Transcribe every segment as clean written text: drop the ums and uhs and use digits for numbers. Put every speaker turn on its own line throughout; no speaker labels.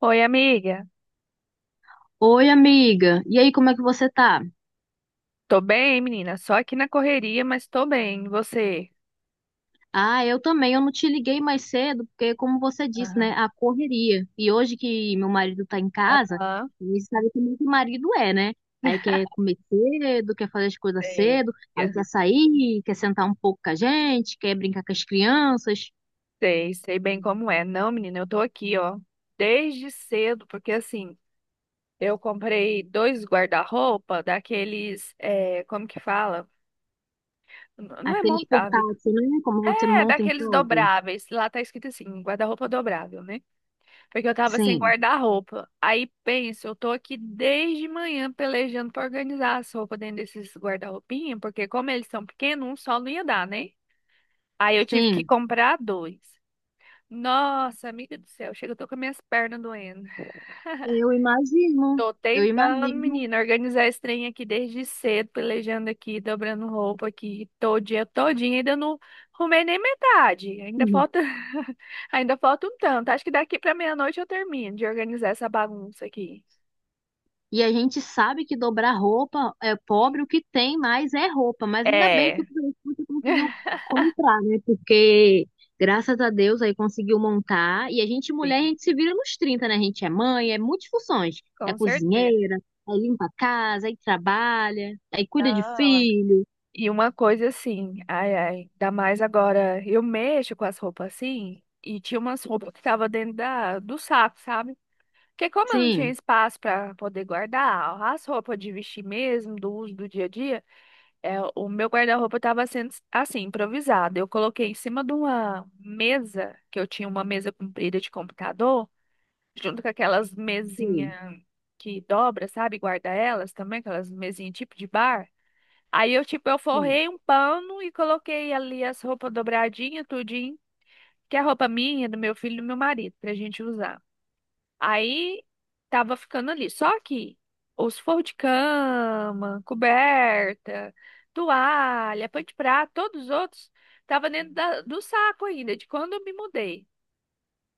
Oi, amiga.
Oi, amiga. E aí, como é que você tá?
Tô bem, menina. Só aqui na correria, mas tô bem. E você?
Ah, eu também. Eu não te liguei mais cedo, porque, como você disse, né,
Aham.
a correria. E hoje que meu marido tá em casa,
Aham.
e sabe como que marido é, né? Aí quer comer cedo, quer fazer as coisas
Sei.
cedo, aí quer sair, quer sentar um pouco com a gente, quer brincar com as crianças.
Sei, sei bem como é. Não, menina, eu tô aqui, ó, desde cedo, porque assim, eu comprei dois guarda-roupa daqueles, é, como que fala? Não é
Aqueles
montável.
portáteis, né? Como você
É,
monta em
daqueles
casa.
dobráveis. Lá tá escrito assim, guarda-roupa dobrável, né? Porque eu tava sem
Sim,
guarda-roupa. Aí penso, eu tô aqui desde manhã pelejando pra organizar as roupas dentro desses guarda-roupinhas, porque como eles são pequenos, um só não ia dar, né? Aí eu tive que
sim.
comprar dois. Nossa, amiga do céu, chega, eu tô com as minhas pernas doendo.
Eu imagino.
Tô
Eu
tentando,
imagino.
menina, organizar esse trem aqui desde cedo, pelejando aqui, dobrando roupa aqui, todo dia, todinho, ainda não arrumei nem metade. Ainda falta, ainda falta um tanto. Acho que daqui pra meia-noite eu termino de organizar essa bagunça aqui.
E a gente sabe que dobrar roupa é pobre, o que tem mais é roupa, mas ainda bem eu
É,
fico feliz que você conseguiu comprar, né? Porque graças a Deus aí conseguiu montar. E a gente, mulher, a
sim,
gente se vira nos trinta, né? A gente é mãe, é multifunções. É
com certeza.
cozinheira, aí limpa a casa, aí trabalha, aí cuida de
Não, amiga.
filho.
E uma coisa assim, ai, ai, ainda mais agora, eu mexo com as roupas assim, e tinha umas roupas que tava dentro do saco, sabe? Porque como eu não tinha
Sim,
espaço para poder guardar as roupas de vestir mesmo, do uso do dia a dia, é, o meu guarda-roupa estava sendo assim, improvisado. Eu coloquei em cima de uma mesa, que eu tinha uma mesa comprida de computador, junto com aquelas
sim,
mesinhas que dobra, sabe? Guarda elas também, aquelas mesinhas tipo de bar. Aí eu, tipo, eu
sim.
forrei um pano e coloquei ali as roupas dobradinhas, tudinho, que é a roupa minha, do meu filho e do meu marido, pra gente usar. Aí tava ficando ali. Só que os forros de cama, coberta, toalha, pano de prato, todos os outros tava dentro do saco ainda, de quando eu me mudei.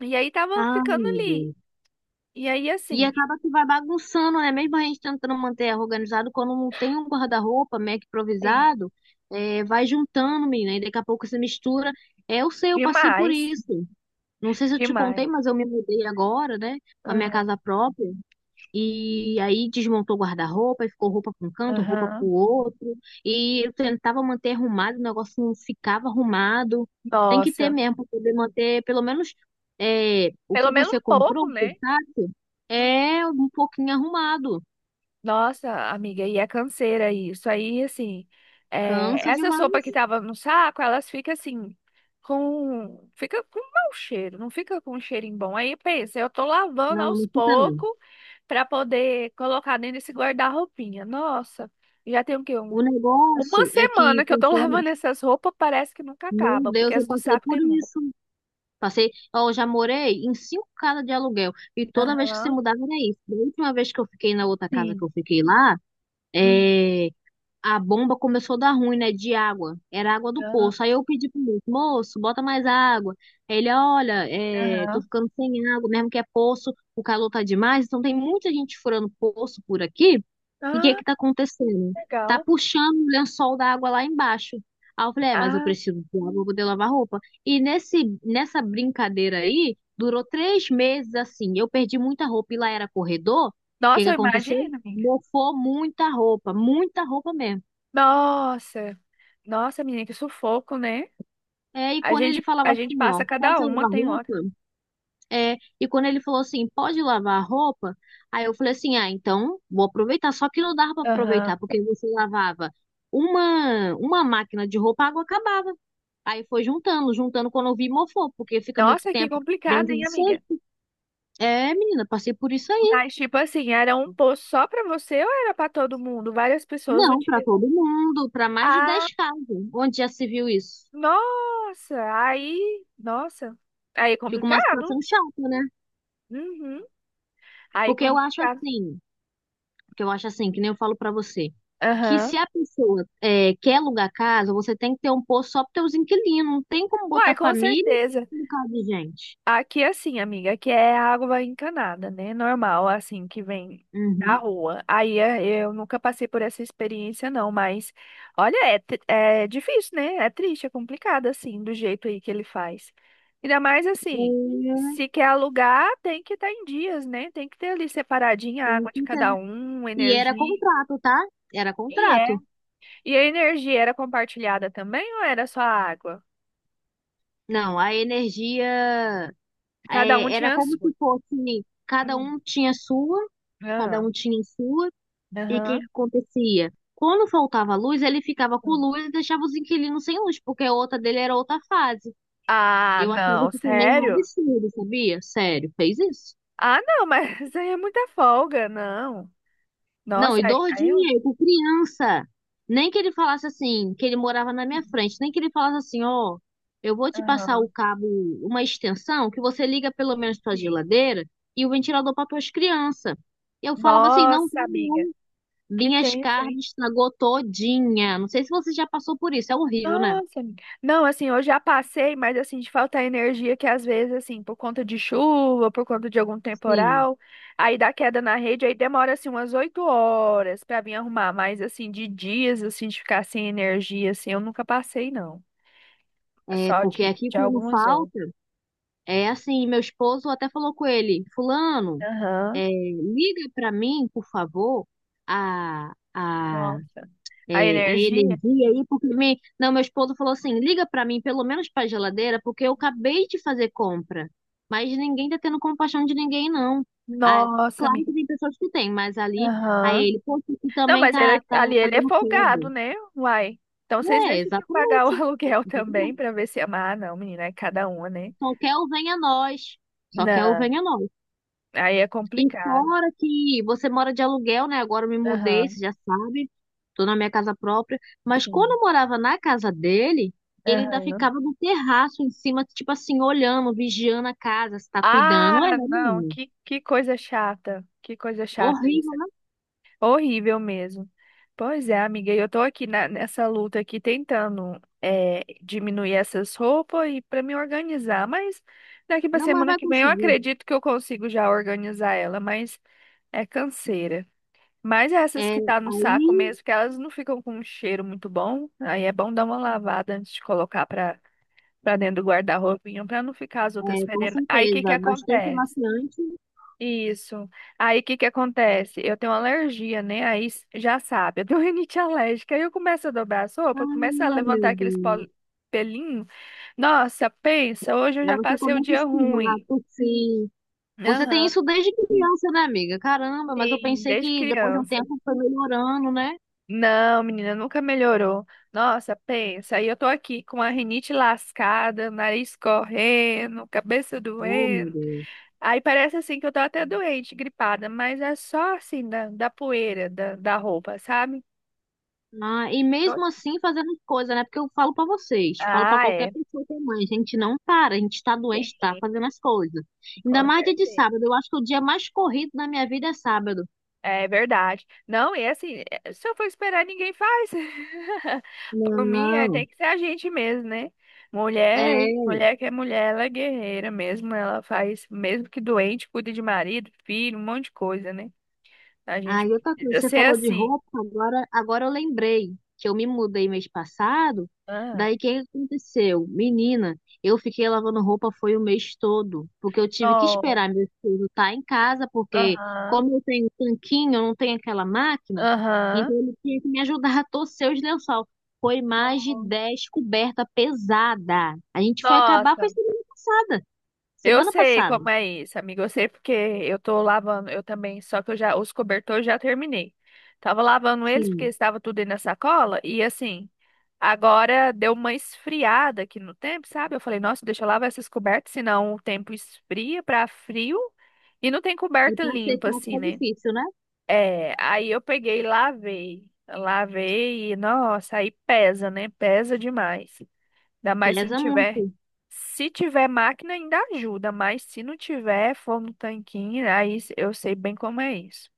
E aí tava
Ai,
ficando
meu
ali.
Deus.
E aí
E
assim,
acaba que vai bagunçando, né? Mesmo a gente tentando manter organizado, quando não tem um guarda-roupa meio que
sim,
improvisado, é, vai juntando, menina, e daqui a pouco se mistura. É, eu sei, eu passei por
demais,
isso. Não sei se eu te contei,
demais.
mas eu me mudei agora, né? Para minha
Aham,
casa própria. E aí desmontou o guarda-roupa e ficou roupa para um canto, roupa para
aham.
o outro. E eu tentava manter arrumado, o negócio não ficava arrumado. Tem que ter
Nossa,
mesmo para poder manter, pelo menos é, o
pelo
que
menos um
você comprou,
pouco,
o
né?
portátil, é um pouquinho arrumado.
Nossa, amiga, e é canseira isso. Aí, assim, é,
Cansa
essa sopa que
demais.
tava no saco, elas ficam assim, com. Fica com mau cheiro, não fica com um cheirinho bom. Aí pensa, eu tô lavando
Não,
aos
não fica não.
poucos pra poder colocar dentro desse guarda-roupinha. Nossa, já tem o quê? Um,
O
uma
negócio é que
semana que eu tô
conforme,
lavando essas roupas, parece que nunca
meu
acaba, porque
Deus, eu
as do
passei
saco
por
tem muito.
isso. Passei, ó, eu já morei em cinco casas de aluguel e toda vez que se
Aham,
mudava era isso. Da última vez que eu fiquei na outra casa que
sim.
eu fiquei lá,
Hum,
eh, a bomba começou a dar ruim, né, de água. Era água do
aham.
poço. Aí eu pedi pro moço, moço, bota mais água. Aí ele, olha, é, tô
Aham.
ficando sem água, mesmo que é poço, o calor tá demais, então tem muita gente furando poço por aqui. E o que é
Ah,
que tá acontecendo? Tá
legal.
puxando o lençol da água lá embaixo. Aí eu falei, é, mas eu
Ah,
preciso de água pra poder lavar roupa. E nessa brincadeira aí, durou 3 meses assim. Eu perdi muita roupa e lá era corredor. O que
nossa,
que
eu
aconteceu?
imagino, amiga.
Mofou muita roupa mesmo.
Nossa, nossa, menina, que sufoco, né?
É, e
A
quando
gente,
ele falava
a gente
assim, ó,
passa
pode
cada uma,
lavar
tem hora.
roupa? É, e quando ele falou assim, pode lavar a roupa? Aí eu falei assim, ah, então vou aproveitar. Só que não dava pra
Aham.
aproveitar, porque você lavava uma máquina de roupa, a água acabava. Aí foi juntando, juntando quando eu vi mofou, porque fica muito
Nossa, que
tempo
complicado,
dentro
hein,
de
amiga?
sede. É, menina, passei por isso aí.
Mas, tipo assim, era um posto só pra você ou era pra todo mundo? Várias pessoas
Não, pra
utilizavam.
todo mundo, pra mais de
Ah,
10 casas. Onde já se viu isso?
nossa, nossa, aí é
Fica uma
complicado.
situação chata, né?
Uhum, aí é
Porque eu acho
complicado.
assim. Porque eu acho assim, que nem eu falo pra você, que
Aham.
se a pessoa é, quer alugar casa, você tem que ter um posto só para teus inquilinos. Não tem como
Uai,
botar
com
família
certeza.
no caso de gente.
Aqui é assim, amiga, aqui é água encanada, né? Normal, assim, que vem da
Uhum.
rua. Aí é, eu nunca passei por essa experiência, não, mas olha, é, é difícil, né? É triste, é complicado, assim, do jeito aí que ele faz. Ainda mais assim,
É,
se quer alugar, tem que estar em dias, né? Tem que ter ali separadinha a
tem
água
que
de cada
entender.
um,
E era
energia.
contrato, tá? Era
E é.
contrato.
E a energia era compartilhada também ou era só a água?
Não, a energia
Cada um
é, era
tinha a
como
sua.
se fosse cada
Hum.
um tinha a sua, cada
Ah,
um tinha a sua, e o que
aham.
que acontecia? Quando faltava luz, ele ficava com luz e deixava os inquilinos sem luz, porque a outra dele era outra fase.
Ah,
Eu achava
não,
isso também um
sério?
absurdo, sabia? Sério, fez isso?
Ah, não, mas isso aí é muita folga, não.
Não,
Nossa,
e
aí, aí eu.
doidinha, com criança. Nem que ele falasse assim, que ele morava na minha frente, nem que ele falasse assim, ó, eu vou te passar o
Aham,
cabo, uma extensão, que você liga pelo menos tua
sim.
geladeira e o ventilador para tuas crianças. Eu falava assim, não, tá
Nossa,
bom.
amiga, que
Minhas
tenso, hein?
carnes estragou todinha. Não sei se você já passou por isso, é horrível, né?
Nossa, amiga. Não, assim, eu já passei, mas assim, de faltar energia que às vezes, assim, por conta de chuva, por conta de algum
Sim.
temporal, aí dá queda na rede, aí demora, assim, umas oito horas pra vir arrumar, mas assim, de dias, assim, de ficar sem energia, assim, eu nunca passei, não.
É,
Só
porque aqui
de
quando
algumas horas.
falta, é assim, meu esposo até falou com ele, fulano,
Aham.
é, liga para mim, por favor, a, a,
Nossa.
é,
A
a
energia?
energia aí, porque me... não, meu esposo falou assim, liga para mim pelo menos para a geladeira, porque eu acabei de fazer compra, mas ninguém tá tendo compaixão de ninguém, não. Ah,
Nossa,
claro
amiga.
que tem pessoas que têm, mas ali, aí
Aham.
ele, poxa, aqui
Não,
também
mas
tá,
ali ele é
dando queda.
folgado, né? Uai. Então vocês
É,
deixam de pagar o
exatamente.
aluguel também
Exatamente.
pra ver se ama. Ah, não, menina, é cada uma, né?
Só quer o venha nós. Só quer o
Não,
venha nós.
aí é
E
complicado.
fora que você mora de aluguel, né? Agora eu me mudei,
Aham,
você já sabe. Tô na minha casa própria. Mas quando
sim.
eu morava na casa dele, ele ainda
Aham.
ficava no terraço em cima, tipo assim, olhando, vigiando a casa, se tá cuidando. É,
Ah, não,
menino.
que coisa chata. Que coisa chata isso.
Horrível, né?
Horrível mesmo. Pois é, amiga, e eu tô aqui nessa luta aqui tentando é, diminuir essas roupas e para me organizar, mas daqui pra
Não, mas
semana
vai
que vem eu
conseguir.
acredito que eu consigo já organizar ela, mas é canseira. Mas essas
É,
que tá no saco
aí,
mesmo, que elas não ficam com um cheiro muito bom, aí é bom dar uma lavada antes de colocar para dentro do guarda-roupinha para não ficar as outras
é, com
fedendo. Aí o que que
certeza, bastante
acontece?
amaciante.
Isso. Aí o que que acontece? Eu tenho alergia, né? Aí já sabe, eu tenho rinite alérgica. Aí eu começo a dobrar a sopa, começo a
Ah, meu
levantar aqueles
Deus.
pelinhos. Nossa, pensa, hoje eu
Aí
já
você
passei o
começa a
dia
espirrar,
ruim.
tossir. Você tem
Aham,
isso desde criança, né, amiga? Caramba, mas eu
sim,
pensei
desde
que depois de um
criança.
tempo foi melhorando, né?
Não, menina, nunca melhorou. Nossa, pensa, aí eu tô aqui com a rinite lascada, nariz correndo, cabeça
Oh, meu
doendo.
Deus.
Aí parece assim que eu tô até doente, gripada, mas é só assim da poeira da roupa, sabe?
Ah, e mesmo assim fazendo as coisas, né? Porque eu falo pra vocês, falo pra
Ah,
qualquer
é.
pessoa que é mãe, a gente não para, a gente tá doente, tá
Sim,
fazendo as coisas. Ainda
com
mais dia de
certeza.
sábado, eu acho que o dia mais corrido da minha vida é sábado.
É verdade. Não, e assim, se eu for esperar, ninguém faz. Por mim, é, tem
Não.
que ser a gente mesmo, né? Mulher,
É.
mulher que é mulher, ela é guerreira mesmo. Ela faz, mesmo que doente, cuida de marido, filho, um monte de coisa, né? A gente
Ah, e outra coisa,
precisa
você
ser
falou de
assim.
roupa, agora, agora eu lembrei que eu me mudei mês passado.
Ah,
Daí o que aconteceu? Menina, eu fiquei lavando roupa foi o mês todo, porque eu tive que
não.
esperar meu filho estar em casa, porque
Aham.
como eu tenho tanquinho, eu não tenho aquela máquina,
Aham.
então ele tinha que me ajudar a torcer os lençol. Foi mais de
Não.
10 coberta pesada. A gente foi acabar foi
Nossa.
semana passada.
Eu
Semana
sei
passada.
como é isso, amigo. Eu sei porque eu tô lavando, eu também, só que eu já, os cobertores eu já terminei. Tava lavando eles porque
Sim.
estava tudo aí na sacola e assim, agora deu uma esfriada aqui no tempo, sabe? Eu falei, nossa, deixa eu lavar essas cobertas, senão o tempo esfria pra frio e não tem
E
coberta
pra
limpa
secar
assim,
fica
né?
difícil, né?
É, aí eu peguei e lavei. Lavei e, nossa, aí pesa, né? Pesa demais. Ainda mais se não
Pesa muito.
tiver. Se tiver máquina, ainda ajuda, mas se não tiver, for no tanquinho, aí eu sei bem como é isso.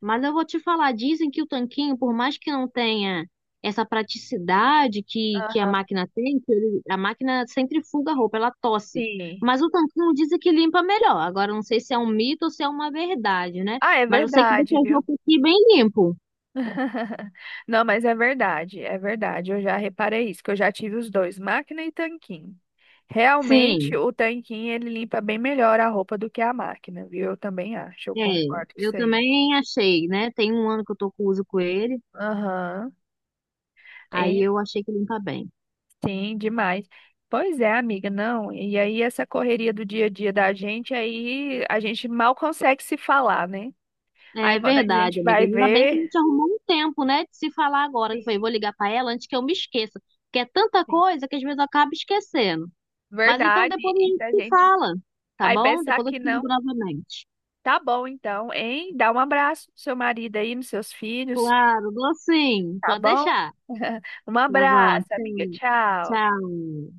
Mas eu vou te falar, dizem que o tanquinho, por mais que não tenha essa praticidade que a
Aham.
máquina tem, que a máquina centrifuga a roupa, ela tosse.
Sim.
Mas o tanquinho dizem que limpa melhor. Agora, eu não sei se é um mito ou se é uma verdade, né?
Ah, é
Mas eu sei que deixa
verdade,
as
viu?
roupas aqui bem limpo.
Não, mas é verdade, é verdade. Eu já reparei isso, que eu já tive os dois, máquina e tanquinho. Realmente,
Sim,
o tanquinho ele limpa bem melhor a roupa do que a máquina, viu? Eu também acho, eu
é.
concordo com
Eu
isso aí.
também achei, né? Tem um ano que eu tô com uso com ele,
Aham.
aí eu achei que limpa bem.
Sim, demais. Pois é, amiga, não. E aí essa correria do dia a dia da gente, aí a gente mal consegue se falar, né? Aí
É
quando a
verdade,
gente
amiga.
vai
Ainda bem que a
ver,
gente arrumou um tempo, né, de se falar agora. Eu falei,
sim,
vou ligar pra ela antes que eu me esqueça. Porque é tanta
sim.
coisa que às vezes eu acabo esquecendo. Mas então
Verdade,
depois a
e
gente
da
se
gente
fala, tá
aí tá.
bom?
Pensar
Depois eu
que
te
não,
ligo novamente.
tá bom então, hein? Dá um abraço pro seu marido aí, nos seus filhos,
Claro, dou sim.
tá
Pode
bom?
deixar.
Um
Tá bom,
abraço, amiga.
tchau.
Tchau.
Tchau.